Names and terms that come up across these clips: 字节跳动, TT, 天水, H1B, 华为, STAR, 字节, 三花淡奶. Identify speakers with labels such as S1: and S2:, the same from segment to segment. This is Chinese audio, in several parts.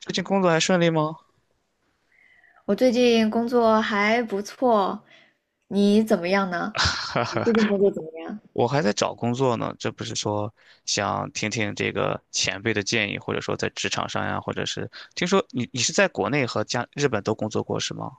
S1: 最近工作还顺利吗？
S2: 我最近工作还不错，你怎么样呢？你最近工作怎么 样？
S1: 我还在找工作呢，这不是说想听听这个前辈的建议，或者说在职场上呀，或者是听说你是在国内和加日本都工作过是吗？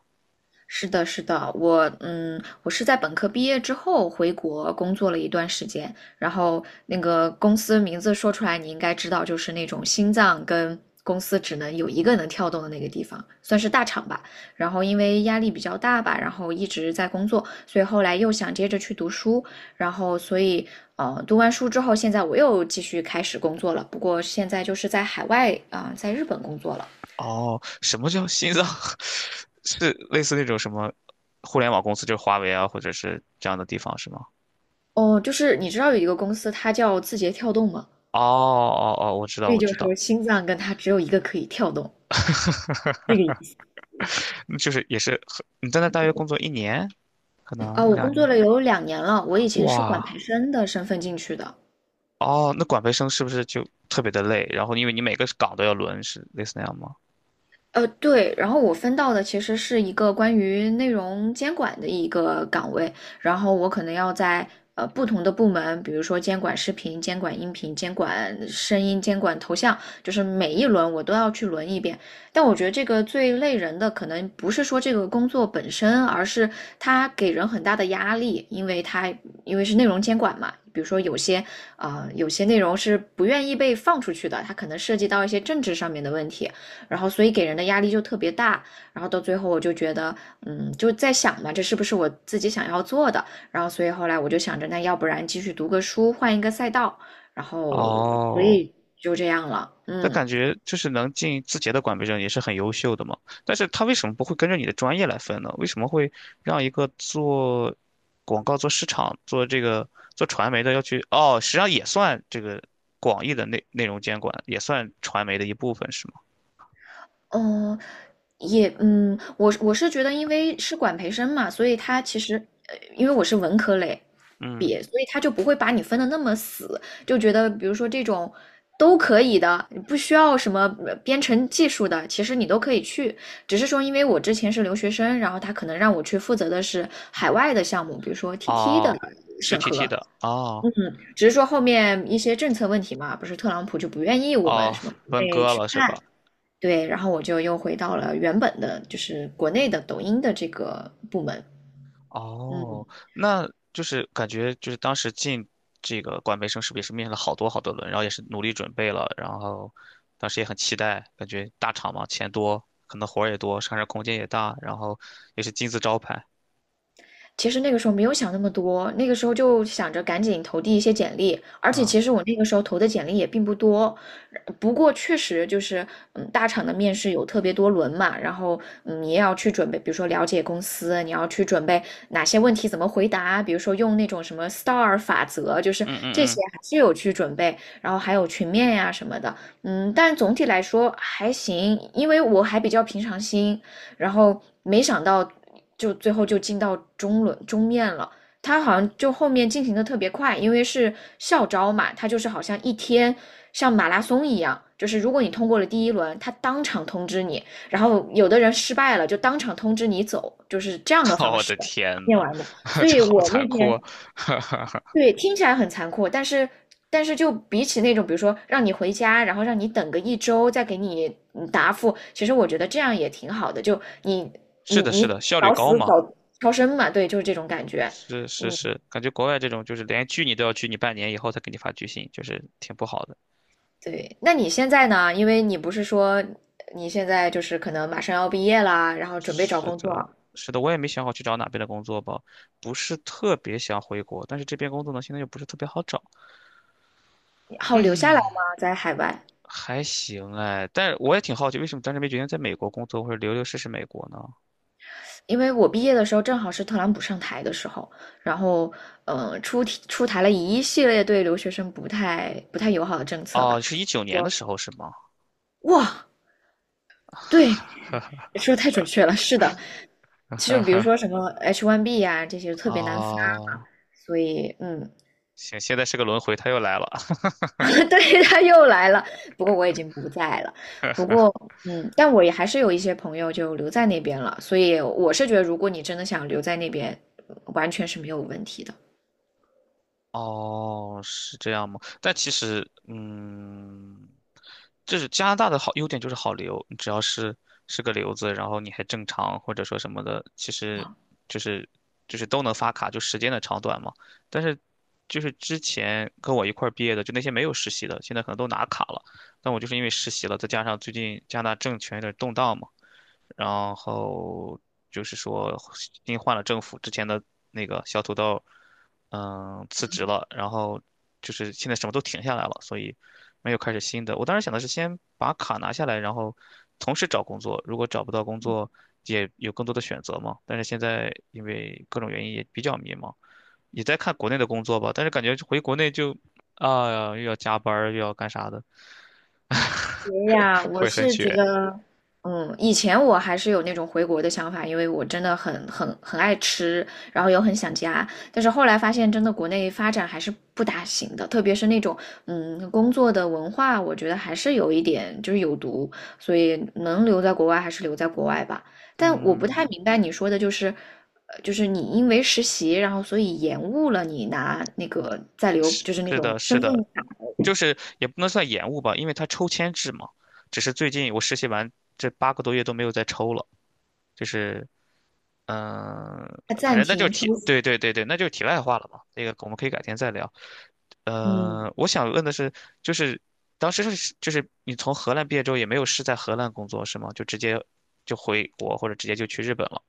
S2: 是的，是的，我是在本科毕业之后回国工作了一段时间，然后那个公司名字说出来你应该知道，就是那种心脏跟公司只能有一个能跳动的那个地方，算是大厂吧。然后因为压力比较大吧，然后一直在工作，所以后来又想接着去读书，然后所以读完书之后，现在我又继续开始工作了，不过现在就是在海外啊，在日本工作了。
S1: 哦，什么叫心脏？是类似那种什么互联网公司，就是华为啊，或者是这样的地方是吗？
S2: 哦，就是你知道有一个公司，它叫字节跳动吗？
S1: 哦哦哦，我知道
S2: 所以
S1: 我
S2: 就
S1: 知道，
S2: 说心脏跟它只有一个可以跳动，这个意
S1: 嗯就是也是很你在那大约工作1年，可
S2: 思
S1: 能
S2: 啊。
S1: 一
S2: 我
S1: 两
S2: 工作
S1: 年，
S2: 了有2年了，我以前是管
S1: 哇，
S2: 培生的身份进去的，
S1: 哦，那管培生是不是就特别的累？然后因为你每个岗都要轮，是类似那样吗？
S2: 对，然后我分到的其实是一个关于内容监管的一个岗位，然后我可能要在不同的部门，比如说监管视频、监管音频、监管声音、监管头像，就是每一轮我都要去轮一遍。但我觉得这个最累人的，可能不是说这个工作本身，而是它给人很大的压力，因为是内容监管嘛。比如说有些，啊有些内容是不愿意被放出去的，它可能涉及到一些政治上面的问题，然后所以给人的压力就特别大，然后到最后我就觉得，嗯，就在想嘛，这是不是我自己想要做的？然后所以后来我就想着，那要不然继续读个书，换一个赛道，然后所
S1: 哦，
S2: 以就这样了，
S1: 那
S2: 嗯。
S1: 感觉就是能进字节的管培生也是很优秀的嘛。但是他为什么不会跟着你的专业来分呢？为什么会让一个做广告、做市场、做这个做传媒的要去？哦，实际上也算这个广义的内容监管，也算传媒的一部分，是吗？
S2: 嗯，我是觉得，因为是管培生嘛，所以他其实，因为我是文科类毕
S1: 嗯，
S2: 业，所以他就不会把你分的那么死，就觉得比如说这种都可以的，你不需要什么编程技术的，其实你都可以去。只是说，因为我之前是留学生，然后他可能让我去负责的是海外的项目，比如说 TT 的
S1: 哦，就
S2: 审
S1: TT
S2: 核，
S1: 的，哦
S2: 嗯，只是说后面一些政策问题嘛，不是特朗普就不愿意我们
S1: 哦，
S2: 什么国
S1: 分
S2: 内
S1: 割
S2: 去
S1: 了是
S2: 看。
S1: 吧？
S2: 对，然后我就又回到了原本的，就是国内的抖音的这个部门。
S1: 哦，
S2: 嗯。
S1: 那就是感觉就是当时进这个管培生是不是也是面试了好多好多轮，然后也是努力准备了，然后当时也很期待，感觉大厂嘛，钱多，可能活儿也多，上升空间也大，然后也是金字招牌。
S2: 其实那个时候没有想那么多，那个时候就想着赶紧投递一些简历，而且其
S1: 嗯
S2: 实我那个时候投的简历也并不多，不过确实就是，嗯，大厂的面试有特别多轮嘛，然后嗯，你也要去准备，比如说了解公司，你要去准备哪些问题怎么回答，比如说用那种什么 STAR 法则，就是
S1: 嗯
S2: 这
S1: 嗯
S2: 些
S1: 嗯，
S2: 还是有去准备，然后还有群面呀、什么的，嗯，但总体来说还行，因为我还比较平常心，然后没想到就最后就进到中轮中面了。他好像就后面进行的特别快，因为是校招嘛，他就是好像一天像马拉松一样，就是如果你通过了第一轮，他当场通知你，然后有的人失败了就当场通知你走，就是这样的 方
S1: 我
S2: 式
S1: 的天
S2: 念
S1: 呐，
S2: 完的。所
S1: 这
S2: 以
S1: 好
S2: 我
S1: 残
S2: 那
S1: 酷
S2: 天
S1: 啊！
S2: 对，听起来很残酷，但是就比起那种，比如说让你回家，然后让你等个1周再给你答复，其实我觉得这样也挺好的，就你你
S1: 是的，
S2: 你
S1: 是的，效率
S2: 早
S1: 高
S2: 死早
S1: 嘛，
S2: 超生嘛，对，就是这种感觉。
S1: 是是
S2: 嗯，
S1: 是，感觉国外这种就是连拒你都要拒你半年以后才给你发拒信，就是挺不好的。
S2: 对。那你现在呢？因为你不是说你现在就是可能马上要毕业啦，然后准备找
S1: 是
S2: 工作，
S1: 的，是的，我也没想好去找哪边的工作吧，不是特别想回国，但是这边工作呢，现在又不是特别好找，
S2: 好留下来吗？在海外？
S1: 还行哎，但是我也挺好奇，为什么当时没决定在美国工作或者留试试美国呢？
S2: 因为我毕业的时候正好是特朗普上台的时候，然后出题出台了一系列对留学生不太友好的政策吧，
S1: 哦，是
S2: 就
S1: 19年的
S2: 说
S1: 时候是吗？
S2: 哇，对，说得太准确了，是的，
S1: 哈
S2: 就比如说
S1: 哈，
S2: 什么 H1B 呀、这些特别难发嘛，
S1: 哦，
S2: 所以嗯，
S1: 行，现在是个轮回，他又来了。
S2: 对，他又来了，不过我已经不在了，不过嗯，但我也还是有一些朋友就留在那边了，所以我是觉得如果你真的想留在那边，完全是没有问题的。
S1: 哦，是这样吗？但其实，就是加拿大的好优点就是好留，你只要是个留子，然后你还正常或者说什么的，其实就是就是都能发卡，就时间的长短嘛。但是就是之前跟我一块儿毕业的，就那些没有实习的，现在可能都拿卡了。但我就是因为实习了，再加上最近加拿大政权有点动荡嘛。然后就是说新换了政府，之前的那个小土豆，辞职了，然后就是现在什么都停下来了，所以没有开始新的。我当时想的是先把卡拿下来，然后同时找工作，如果找不到工作，也有更多的选择嘛。但是现在因为各种原因也比较迷茫，也在看国内的工作吧，但是感觉回国内就啊，又要加班儿又要干啥的，
S2: 哎呀，我
S1: 会很
S2: 是
S1: 卷。
S2: 觉得，嗯，以前我还是有那种回国的想法，因为我真的很很爱吃，然后又很想家。但是后来发现，真的国内发展还是不大行的，特别是那种，嗯，工作的文化，我觉得还是有一点就是有毒，所以能留在国外还是留在国外吧。但我不太
S1: 嗯，
S2: 明白你说的就是，就是你因为实习，然后所以延误了你拿那个在留，
S1: 是
S2: 就是那种
S1: 的，
S2: 身
S1: 是
S2: 份
S1: 的，
S2: 卡，
S1: 就是也不能算延误吧，因为它抽签制嘛。只是最近我实习完这8个多月都没有再抽了，就是嗯、
S2: 它
S1: 反
S2: 暂
S1: 正那就
S2: 停
S1: 是题，
S2: 出，
S1: 对对对对，那就是题外话了嘛。那个我们可以改天再聊。
S2: 嗯。
S1: 我想问的是，就是当时是就是你从荷兰毕业之后也没有是在荷兰工作是吗？就直接就回国或者直接就去日本了？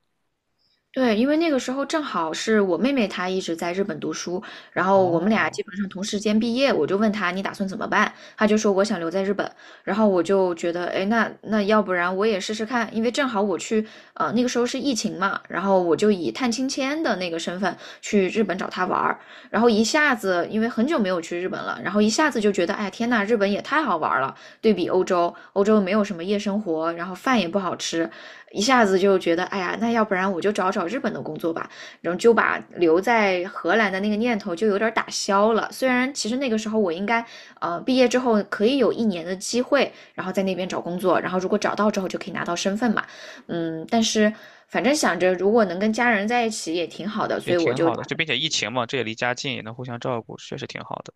S2: 对，因为那个时候正好是我妹妹她一直在日本读书，然后我们俩基
S1: 哦，
S2: 本上同时间毕业，我就问她你打算怎么办，她就说我想留在日本，然后我就觉得，哎，那要不然我也试试看，因为正好我去，那个时候是疫情嘛，然后我就以探亲签的那个身份去日本找她玩儿，然后一下子因为很久没有去日本了，然后一下子就觉得，哎，天呐，日本也太好玩儿了，对比欧洲，欧洲没有什么夜生活，然后饭也不好吃，一下子就觉得，哎呀，那要不然我就找找日本的工作吧，然后就把留在荷兰的那个念头就有点打消了。虽然其实那个时候我应该，毕业之后可以有1年的机会，然后在那边找工作，然后如果找到之后就可以拿到身份嘛，嗯，但是反正想着如果能跟家人在一起也挺好的，
S1: 也
S2: 所以我
S1: 挺
S2: 就
S1: 好
S2: 打
S1: 的，
S2: 算，
S1: 就并且疫情嘛，这也离家近，也能互相照顾，确实挺好的。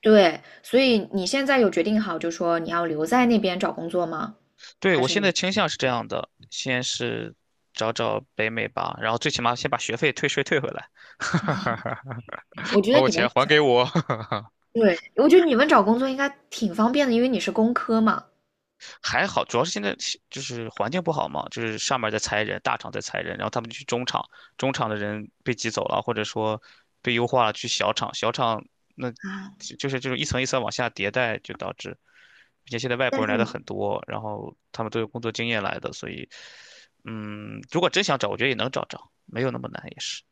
S2: 对，所以你现在有决定好，就说你要留在那边找工作吗？
S1: 对，
S2: 还
S1: 我
S2: 是
S1: 现在倾向是这样的，先是找找北美吧，然后最起码先把学费退税退回来，
S2: 我 觉
S1: 把
S2: 得
S1: 我
S2: 你
S1: 钱
S2: 们
S1: 还给
S2: 找，
S1: 我。
S2: 对，我觉得你们找工作应该挺方便的，因为你是工科嘛。
S1: 还好，主要是现在就是环境不好嘛，就是上面在裁人，大厂在裁人，然后他们就去中厂，中厂的人被挤走了，或者说被优化了去小厂，小厂那
S2: 啊，
S1: 就是这种一层一层往下迭代，就导致，并且现在外
S2: 但
S1: 国人
S2: 是
S1: 来的
S2: 你
S1: 很多，然后他们都有工作经验来的，所以，如果真想找，我觉得也能找着，没有那么难，也是。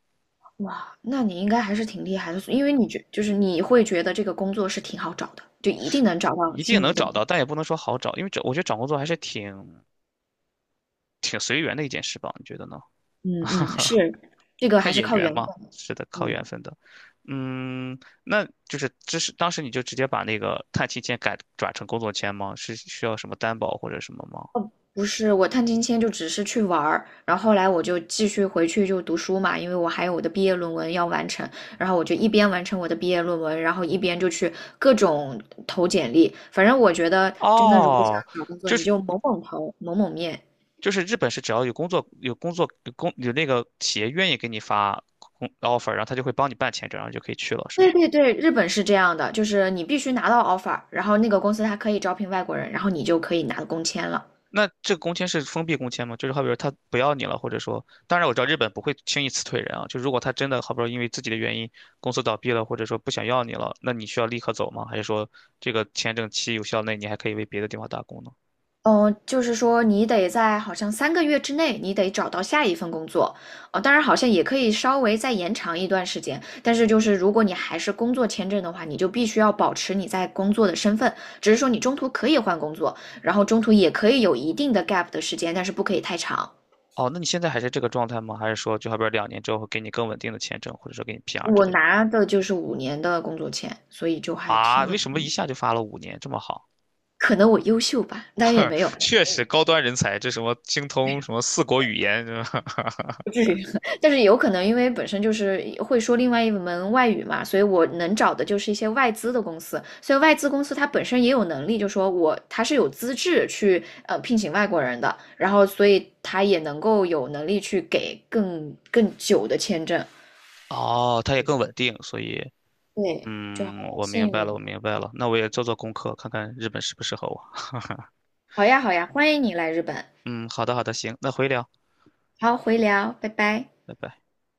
S2: 哇，那你应该还是挺厉害的，因为你觉就是你会觉得这个工作是挺好找的，就一定能找到
S1: 一定
S2: 心
S1: 能
S2: 仪的
S1: 找
S2: 工作。
S1: 到，但也不能说好找，因为找我觉得找工作还是挺随缘的一件事吧，你觉得呢？
S2: 嗯嗯，是，这个还
S1: 看
S2: 是
S1: 眼
S2: 靠
S1: 缘
S2: 缘分
S1: 嘛，
S2: 的
S1: 是的，靠
S2: 嗯，
S1: 缘分的。嗯，那就是这是当时你就直接把那个探亲签改转成工作签吗？是需要什么担保或者什么吗？
S2: 哦，不是，我探亲签就只是去玩儿，然后后来我就继续回去就读书嘛，因为我还有我的毕业论文要完成，然后我就一边完成我的毕业论文，然后一边就去各种投简历。反正我觉得真的，如果想
S1: 哦，
S2: 找工作，
S1: 就
S2: 你
S1: 是
S2: 就猛猛投，猛猛面，
S1: 就是日本是只要有工作有工作有工有那个企业愿意给你发工 offer，然后他就会帮你办签证，然后就可以去了，是
S2: 对
S1: 吗？
S2: 对对，日本是这样的，就是你必须拿到 offer，然后那个公司它可以招聘外国人，然后你就可以拿工签了。
S1: 那这个工签是封闭工签吗？就是好比说他不要你了，或者说，当然我知道日本不会轻易辞退人啊。就如果他真的好比说因为自己的原因公司倒闭了，或者说不想要你了，那你需要立刻走吗？还是说这个签证期有效内你还可以为别的地方打工呢？
S2: 嗯，就是说你得在好像3个月之内，你得找到下一份工作。哦，当然好像也可以稍微再延长一段时间，但是就是如果你还是工作签证的话，你就必须要保持你在工作的身份，只是说你中途可以换工作，然后中途也可以有一定的 gap 的时间，但是不可以太长。
S1: 哦，那你现在还是这个状态吗？还是说就好比说两年之后会给你更稳定的签证，或者说给你 PR 之
S2: 我
S1: 类的？
S2: 拿的就是5年的工作签，所以就还
S1: 啊，
S2: 挺
S1: 为
S2: 稳。
S1: 什么一下就发了5年这么好？
S2: 可能我优秀吧，当然也没有，
S1: 确实高端人才，这什么精通什么四国语言，是吧？
S2: 不至于。但是有可能，因为本身就是会说另外一门外语嘛，所以我能找的就是一些外资的公司。所以外资公司它本身也有能力，就说我它是有资质去聘请外国人的，然后所以它也能够有能力去给更久的签证。
S1: 哦，他也更稳定，所以。
S2: 对，
S1: 我明
S2: 幸
S1: 白了，
S2: 运。
S1: 我明白了。那我也做做功课，看看日本适不适合我。
S2: 好呀，好呀，欢迎你来日本。
S1: 嗯，好的，好的，行，那回聊，
S2: 好，回聊，拜拜。
S1: 拜拜。